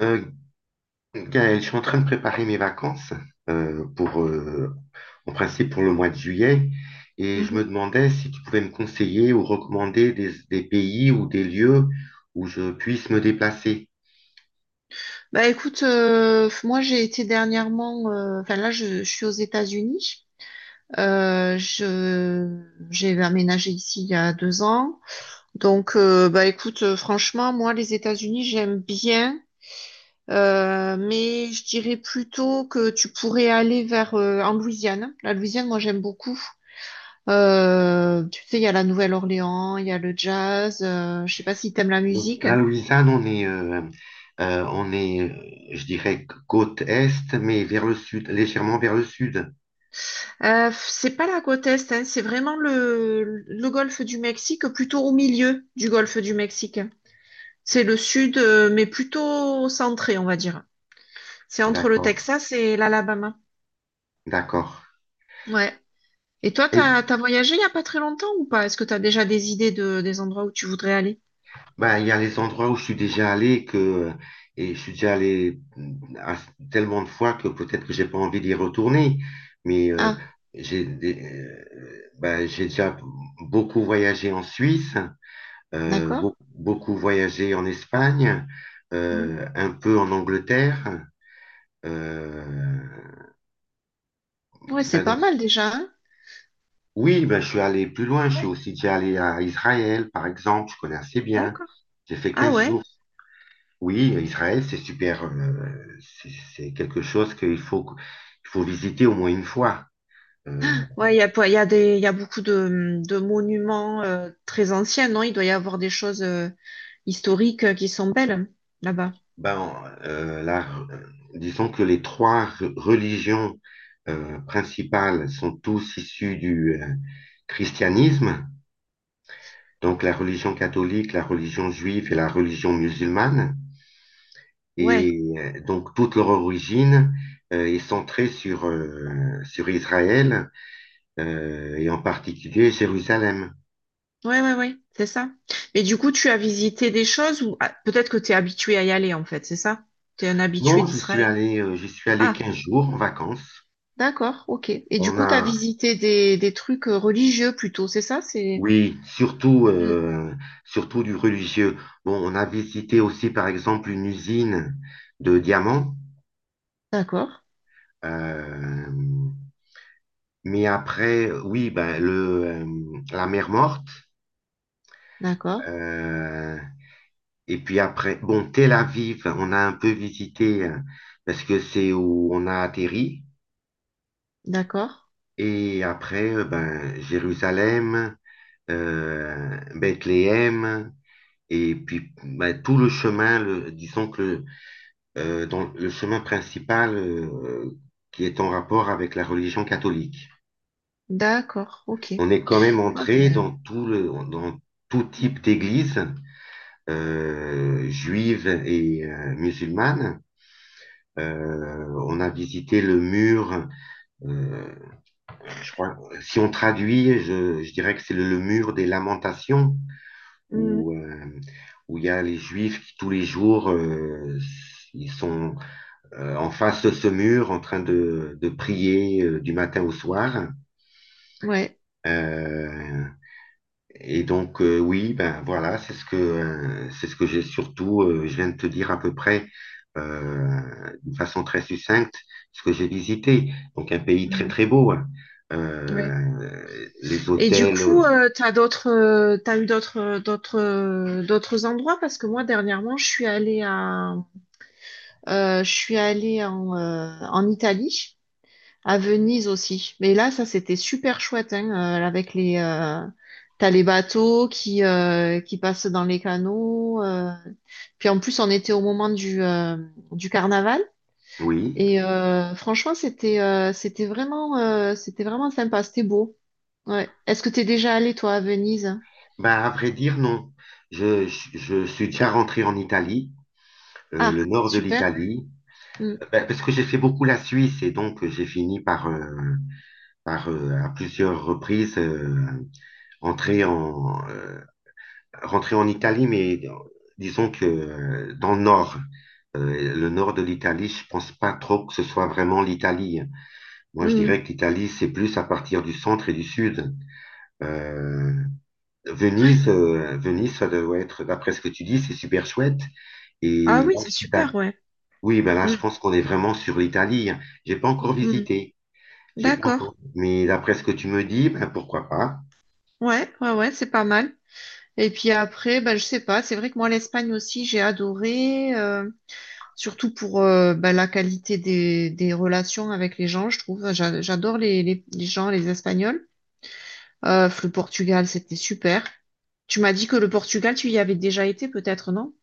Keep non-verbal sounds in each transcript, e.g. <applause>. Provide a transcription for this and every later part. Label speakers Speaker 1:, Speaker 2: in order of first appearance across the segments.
Speaker 1: Euh, bien, je suis en train de préparer mes vacances euh, pour, euh, en principe pour le mois de juillet. Et je me
Speaker 2: Mhm.
Speaker 1: demandais si tu pouvais me conseiller ou recommander des pays ou des lieux où je puisse me déplacer.
Speaker 2: Bah écoute, moi j'ai été dernièrement, enfin là je suis aux États-Unis. Je J'ai aménagé ici il y a deux ans. Donc bah écoute, franchement moi les États-Unis j'aime bien, mais je dirais plutôt que tu pourrais aller vers en Louisiane. La Louisiane moi j'aime beaucoup. Tu sais il y a la Nouvelle-Orléans, il y a le jazz. Je sais pas si t'aimes la
Speaker 1: Donc
Speaker 2: musique.
Speaker 1: la Louisiane, on est, je dirais, côte est, mais vers le sud, légèrement vers le sud.
Speaker 2: C'est pas la côte est, hein, c'est vraiment le golfe du Mexique, plutôt au milieu du golfe du Mexique. C'est le sud, mais plutôt centré, on va dire. C'est entre le
Speaker 1: D'accord,
Speaker 2: Texas et l'Alabama.
Speaker 1: d'accord.
Speaker 2: Ouais. Et toi, t'as voyagé il y a pas très longtemps ou pas? Est-ce que t'as déjà des idées de, des endroits où tu voudrais aller?
Speaker 1: Bah, il y a les endroits où je suis déjà allé et que je suis déjà allé tellement de fois que peut-être que j'ai pas envie d'y retourner. Mais euh,
Speaker 2: Ah,
Speaker 1: j'ai des- euh, bah, j'ai déjà beaucoup voyagé en Suisse,
Speaker 2: d'accord.
Speaker 1: beaucoup voyagé en Espagne,
Speaker 2: Mm.
Speaker 1: un peu en Angleterre. euh,
Speaker 2: Ouais, c'est
Speaker 1: bah,
Speaker 2: pas
Speaker 1: dans-
Speaker 2: mal déjà, hein.
Speaker 1: Oui, bah, je suis allé plus loin. Je suis
Speaker 2: Ouais,
Speaker 1: aussi déjà allé à Israël, par exemple. Je connais assez bien.
Speaker 2: d'accord.
Speaker 1: J'ai fait
Speaker 2: Ah
Speaker 1: quinze
Speaker 2: ouais?
Speaker 1: jours Oui, Israël, c'est super. C'est quelque chose il faut visiter au moins une fois. Euh,
Speaker 2: Ouais, il y a, il y a beaucoup de monuments très anciens, non? Il doit y avoir des choses, historiques qui sont belles là-bas.
Speaker 1: ben, euh, la- euh, Disons que les trois religions principales sont tous issues du christianisme, donc la religion catholique, la religion juive et la religion musulmane.
Speaker 2: Ouais,
Speaker 1: Et donc toute leur origine est centrée sur Israël, et en particulier Jérusalem.
Speaker 2: ouais, ouais, ouais, c'est ça. Mais du coup, tu as visité des choses ou ah, peut-être que tu es habitué à y aller en fait, c'est ça? Tu es un habitué
Speaker 1: Non,
Speaker 2: d'Israël.
Speaker 1: j'y suis allé
Speaker 2: Ah,
Speaker 1: 15 jours en vacances.
Speaker 2: d'accord, ok. Et du
Speaker 1: On
Speaker 2: coup,
Speaker 1: a,
Speaker 2: tu as visité des trucs religieux plutôt, c'est ça? C'est
Speaker 1: oui,
Speaker 2: Hmm.
Speaker 1: surtout du religieux. Bon, on a visité aussi, par exemple, une usine de diamants.
Speaker 2: D'accord,
Speaker 1: Euh, mais après, oui, la mer Morte.
Speaker 2: d'accord,
Speaker 1: euh, et puis après, bon, Tel Aviv, on a un peu visité, parce que c'est où on a atterri.
Speaker 2: d'accord,
Speaker 1: Et après, Jérusalem, Bethléem. Et puis, bah, tout le chemin, dans le chemin principal qui est en rapport avec la religion catholique.
Speaker 2: d'accord, ok.
Speaker 1: On est quand même
Speaker 2: Ah
Speaker 1: entré
Speaker 2: ben,
Speaker 1: dans tout type d'église, juive et musulmane. On a visité le mur, euh, je crois, si on traduit, je dirais que c'est le mur des lamentations,
Speaker 2: hmm,
Speaker 1: où, euh, où il y a les juifs qui tous les jours, ils sont en face de ce mur en train de prier du matin au soir.
Speaker 2: ouais.
Speaker 1: Euh, et donc oui, ben voilà, c'est ce que j'ai surtout je viens de te dire à peu près, euh, d'une façon très succincte, ce que j'ai visité. Donc un pays très
Speaker 2: Hmm,
Speaker 1: très beau, hein.
Speaker 2: ouais.
Speaker 1: Euh, les
Speaker 2: Et du
Speaker 1: hôtels,
Speaker 2: coup,
Speaker 1: euh,
Speaker 2: euh, t'as eu d'autres endroits parce que moi dernièrement, je suis allée à, je suis allée en, en Italie, à Venise aussi. Mais là, ça, c'était super chouette, hein, euh, avec les... euh, t'as les bateaux qui passent dans les canaux. Puis en plus, on était au moment du carnaval.
Speaker 1: oui.
Speaker 2: Et franchement, c'était vraiment sympa. C'était beau. Ouais. Est-ce que t'es déjà allé, toi, à Venise?
Speaker 1: Ben à vrai dire non, je suis déjà rentré en Italie, le
Speaker 2: Ah,
Speaker 1: nord de
Speaker 2: super.
Speaker 1: l'Italie.
Speaker 2: Mm,
Speaker 1: Ben, parce que j'ai fait beaucoup la Suisse et donc j'ai fini par, à plusieurs reprises, entrer en, rentrer en Italie, mais disons que dans le nord de l'Italie, je pense pas trop que ce soit vraiment l'Italie. Moi, je
Speaker 2: mm.
Speaker 1: dirais que l'Italie, c'est plus à partir du centre et du sud. Euh,
Speaker 2: Ouais.
Speaker 1: Venise, Venise, ça doit être, d'après ce que tu dis, c'est super chouette.
Speaker 2: Ah
Speaker 1: Et
Speaker 2: oui,
Speaker 1: là,
Speaker 2: c'est
Speaker 1: je suis
Speaker 2: super,
Speaker 1: d'accord.
Speaker 2: ouais.
Speaker 1: Oui, ben là,
Speaker 2: Mm,
Speaker 1: je pense qu'on est vraiment sur l'Italie. J'ai pas encore
Speaker 2: mm.
Speaker 1: visité. J'ai pas
Speaker 2: D'accord.
Speaker 1: encore. Mais d'après ce que tu me dis, ben pourquoi pas?
Speaker 2: Ouais, ouais, ouais, c'est pas mal. Et puis après, ben, je sais pas, c'est vrai que moi, l'Espagne aussi, j'ai adoré, surtout pour ben, la qualité des relations avec les gens, je trouve. J'adore les gens, les Espagnols. Le Portugal, c'était super. Tu m'as dit que le Portugal, tu y avais déjà été, peut-être, non?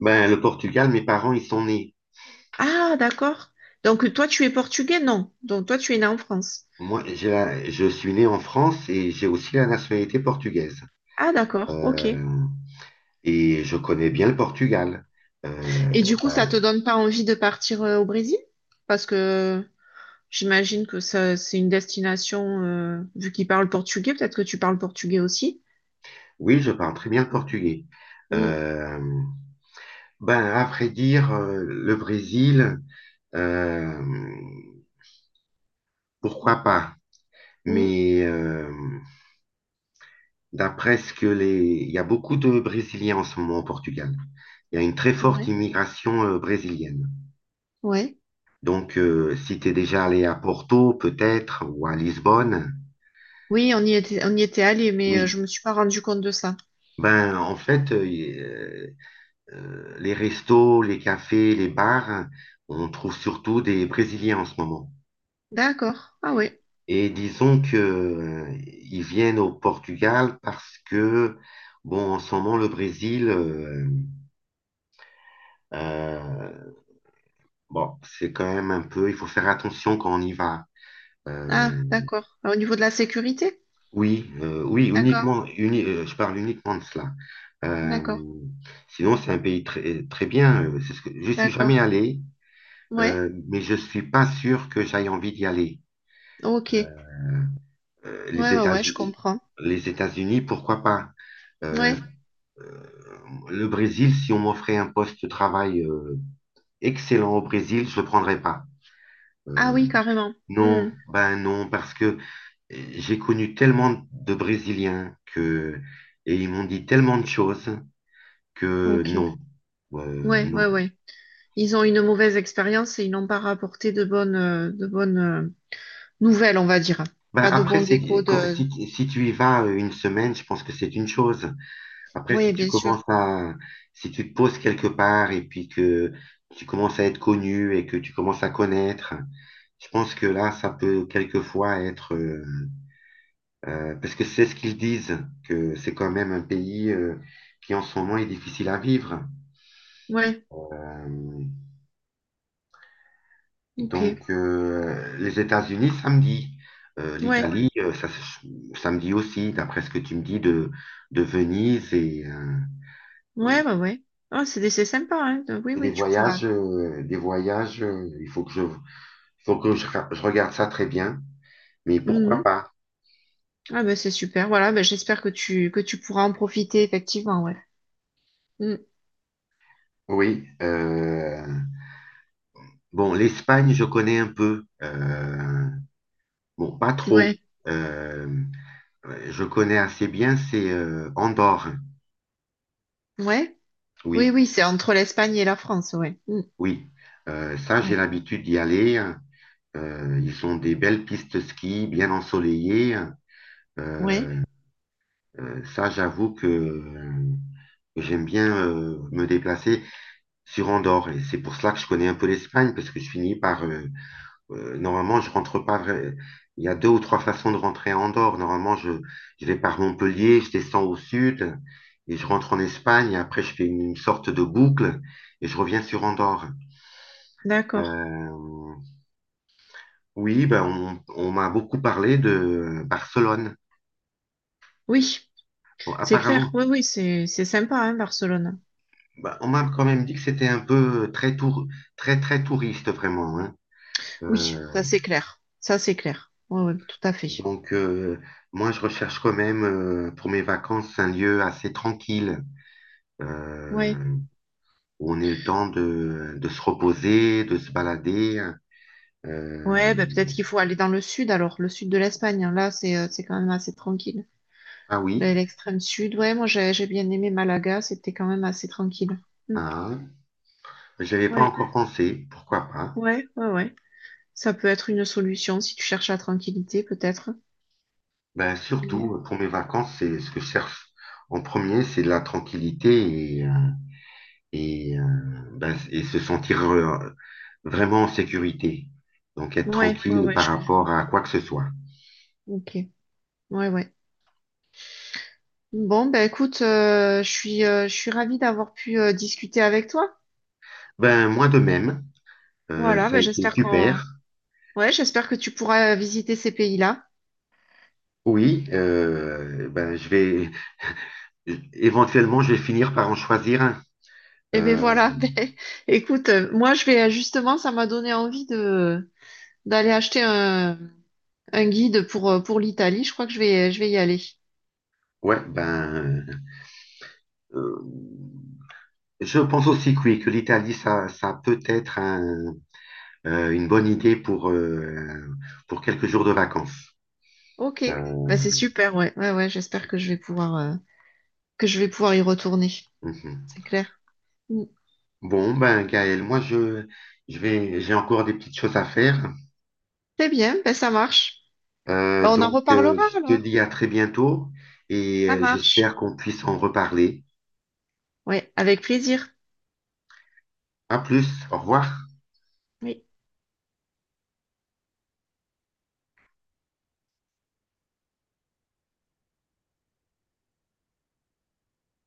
Speaker 1: Ben le Portugal, mes parents ils sont nés.
Speaker 2: Ah, d'accord. Donc toi, tu es portugais, non? Donc toi, tu es né en France.
Speaker 1: Moi, je suis né en France et j'ai aussi la nationalité portugaise.
Speaker 2: Ah, d'accord, ok. Et
Speaker 1: Euh, et je connais bien le Portugal. Euh,
Speaker 2: du coup, ça te
Speaker 1: ben,
Speaker 2: donne pas envie de partir au Brésil? Parce que j'imagine que ça, c'est une destination, vu qu'il parle portugais, peut-être que tu parles portugais aussi.
Speaker 1: oui, je parle très bien le portugais.
Speaker 2: Mm,
Speaker 1: Euh, ben après dire le Brésil, euh, pourquoi pas?
Speaker 2: mm,
Speaker 1: Mais d'après ce que les... Il y a beaucoup de Brésiliens en ce moment au Portugal. Il y a une très forte
Speaker 2: ouais,
Speaker 1: immigration brésilienne.
Speaker 2: ouais.
Speaker 1: Donc, si tu es déjà allé à Porto, peut-être, ou à Lisbonne,
Speaker 2: Oui, on y était allé, mais
Speaker 1: oui.
Speaker 2: je me suis pas rendu compte de ça.
Speaker 1: Ben, en fait, les restos, les cafés, les bars, on trouve surtout des Brésiliens en ce moment.
Speaker 2: D'accord. Ah ouais.
Speaker 1: Et disons que, ils viennent au Portugal parce que, bon, en ce moment, le Brésil, euh, bon, c'est quand même un peu, il faut faire attention quand on y va.
Speaker 2: Ah,
Speaker 1: Euh,
Speaker 2: d'accord. Ah, au niveau de la sécurité?
Speaker 1: oui, oui,
Speaker 2: D'accord,
Speaker 1: je parle uniquement de cela. Euh,
Speaker 2: d'accord,
Speaker 1: Sinon, c'est un pays très, très bien. C'est ce que, je suis
Speaker 2: d'accord.
Speaker 1: jamais allé,
Speaker 2: Ouais,
Speaker 1: mais je suis pas sûr que j'aille envie d'y aller.
Speaker 2: ok. Ouais,
Speaker 1: Euh,
Speaker 2: ouais,
Speaker 1: les
Speaker 2: ouais, je
Speaker 1: États-Unis,
Speaker 2: comprends.
Speaker 1: les États-Unis, pourquoi pas? Euh,
Speaker 2: Ouais.
Speaker 1: euh, le Brésil, si on m'offrait un poste de travail excellent au Brésil, je le prendrais pas.
Speaker 2: Ah
Speaker 1: Euh,
Speaker 2: oui, carrément.
Speaker 1: non,
Speaker 2: Hmm.
Speaker 1: ben non, parce que j'ai connu tellement de Brésiliens que, et ils m'ont dit tellement de choses que
Speaker 2: Ok.
Speaker 1: non.
Speaker 2: Ouais, ouais,
Speaker 1: Non.
Speaker 2: ouais. Ils ont une mauvaise expérience et ils n'ont pas rapporté de bonnes nouvelles, on va dire.
Speaker 1: Bah
Speaker 2: Pas de
Speaker 1: après,
Speaker 2: bons échos de,
Speaker 1: si, si tu y vas une semaine, je pense que c'est une chose. Après,
Speaker 2: oui, bien sûr.
Speaker 1: si tu te poses quelque part et puis que tu commences à être connu et que tu commences à connaître, je pense que là, ça peut quelquefois être, parce que c'est ce qu'ils disent, que c'est quand même un pays, qui en ce moment est difficile à vivre.
Speaker 2: Ouais,
Speaker 1: Euh,
Speaker 2: ok.
Speaker 1: Donc, les États-Unis samedi,
Speaker 2: Ouais,
Speaker 1: l'Italie samedi aussi, d'après ce que tu me dis de Venise et
Speaker 2: ouais, bah ouais. Ah, c'est sympa, hein. Donc, oui, oui, tu pourras.
Speaker 1: des voyages. Il faut que je regarde ça très bien. Mais pourquoi
Speaker 2: Mhm.
Speaker 1: pas?
Speaker 2: Ah bah c'est super. Voilà, bah, j'espère que tu pourras en profiter effectivement, ouais. Mm.
Speaker 1: Oui. Bon, l'Espagne, je connais un peu. Bon, pas trop.
Speaker 2: Ouais,
Speaker 1: Euh, je connais assez bien. C'est Andorre.
Speaker 2: ouais. Oui,
Speaker 1: Oui,
Speaker 2: oui, c'est entre l'Espagne et la France, ouais. Mm.
Speaker 1: oui. Ça, j'ai
Speaker 2: Ouais,
Speaker 1: l'habitude d'y aller, hein. Ils ont des belles pistes ski, bien ensoleillées.
Speaker 2: ouais.
Speaker 1: Euh, Ça, j'avoue que j'aime bien me déplacer sur Andorre. Et c'est pour cela que je connais un peu l'Espagne, parce que je finis par... normalement, je rentre pas... Il y a deux ou trois façons de rentrer à Andorre. Normalement, je vais par Montpellier, je descends au sud, et je rentre en Espagne, et après, je fais une sorte de boucle, et je reviens sur Andorre.
Speaker 2: D'accord.
Speaker 1: Euh, oui, ben, on m'a beaucoup parlé de Barcelone.
Speaker 2: Oui,
Speaker 1: Bon,
Speaker 2: c'est clair.
Speaker 1: apparemment,
Speaker 2: Oui, oui, c'est sympa, hein, Barcelone.
Speaker 1: bah, on m'a quand même dit que c'était un peu très, très touriste, vraiment, hein.
Speaker 2: Oui,
Speaker 1: Euh,
Speaker 2: ça c'est clair. Ça c'est clair. Ouais, ouais, tout à fait.
Speaker 1: donc, moi, je recherche quand même, pour mes vacances, un lieu assez tranquille,
Speaker 2: Ouais.
Speaker 1: euh, où on ait le temps de se reposer, de se balader.
Speaker 2: Ouais,
Speaker 1: Euh,
Speaker 2: bah peut-être qu'il faut aller dans le sud alors, le sud de l'Espagne, hein. Là, c'est quand même assez tranquille.
Speaker 1: ah
Speaker 2: De
Speaker 1: oui,
Speaker 2: l'extrême sud. Ouais, moi j'ai bien aimé Malaga, c'était quand même assez tranquille. Mm.
Speaker 1: ah, je pas
Speaker 2: Ouais,
Speaker 1: encore pensé, pourquoi pas.
Speaker 2: ouais, ouais, ouais. Ça peut être une solution si tu cherches la tranquillité, peut-être.
Speaker 1: Ben,
Speaker 2: Ouais,
Speaker 1: surtout, pour mes vacances, c'est ce que je cherche en premier, c'est de la tranquillité, et ben, et se sentir vraiment en sécurité. Donc être
Speaker 2: ouais, ouais,
Speaker 1: tranquille
Speaker 2: ouais,
Speaker 1: par
Speaker 2: je
Speaker 1: rapport
Speaker 2: comprends.
Speaker 1: à quoi que ce soit.
Speaker 2: Ok, ouais, ouais. Bon, ben écoute, je suis ravie d'avoir pu discuter avec toi.
Speaker 1: Ben moi de même,
Speaker 2: Voilà,
Speaker 1: ça a
Speaker 2: ben
Speaker 1: été
Speaker 2: j'espère qu'on,
Speaker 1: super.
Speaker 2: ouais, j'espère que tu pourras visiter ces pays-là.
Speaker 1: Oui, ben je vais éventuellement je vais finir par en choisir un.
Speaker 2: Et ben
Speaker 1: Euh,
Speaker 2: voilà, <laughs> ben, écoute, moi je vais justement, ça m'a donné envie de d'aller acheter un guide pour l'Italie. Je crois que je vais y aller.
Speaker 1: ouais, ben euh, je pense aussi que oui, que l'Italie ça, ça peut être un, une bonne idée pour, pour quelques jours de vacances.
Speaker 2: Ok,
Speaker 1: Euh,
Speaker 2: bah, c'est super, ouais. Ouais, ouais, j'espère que je vais pouvoir, que je vais pouvoir y retourner.
Speaker 1: mhm.
Speaker 2: C'est clair. Mm.
Speaker 1: Bon ben Gaël, moi je vais j'ai encore des petites choses à faire.
Speaker 2: C'est bien, bah, ça marche.
Speaker 1: Euh,
Speaker 2: Bah, on en
Speaker 1: donc, euh,
Speaker 2: reparlera
Speaker 1: je te
Speaker 2: alors.
Speaker 1: dis à très bientôt et
Speaker 2: Ça
Speaker 1: j'espère
Speaker 2: marche.
Speaker 1: qu'on puisse en reparler.
Speaker 2: Ouais, avec plaisir.
Speaker 1: À plus, au revoir.
Speaker 2: Oui.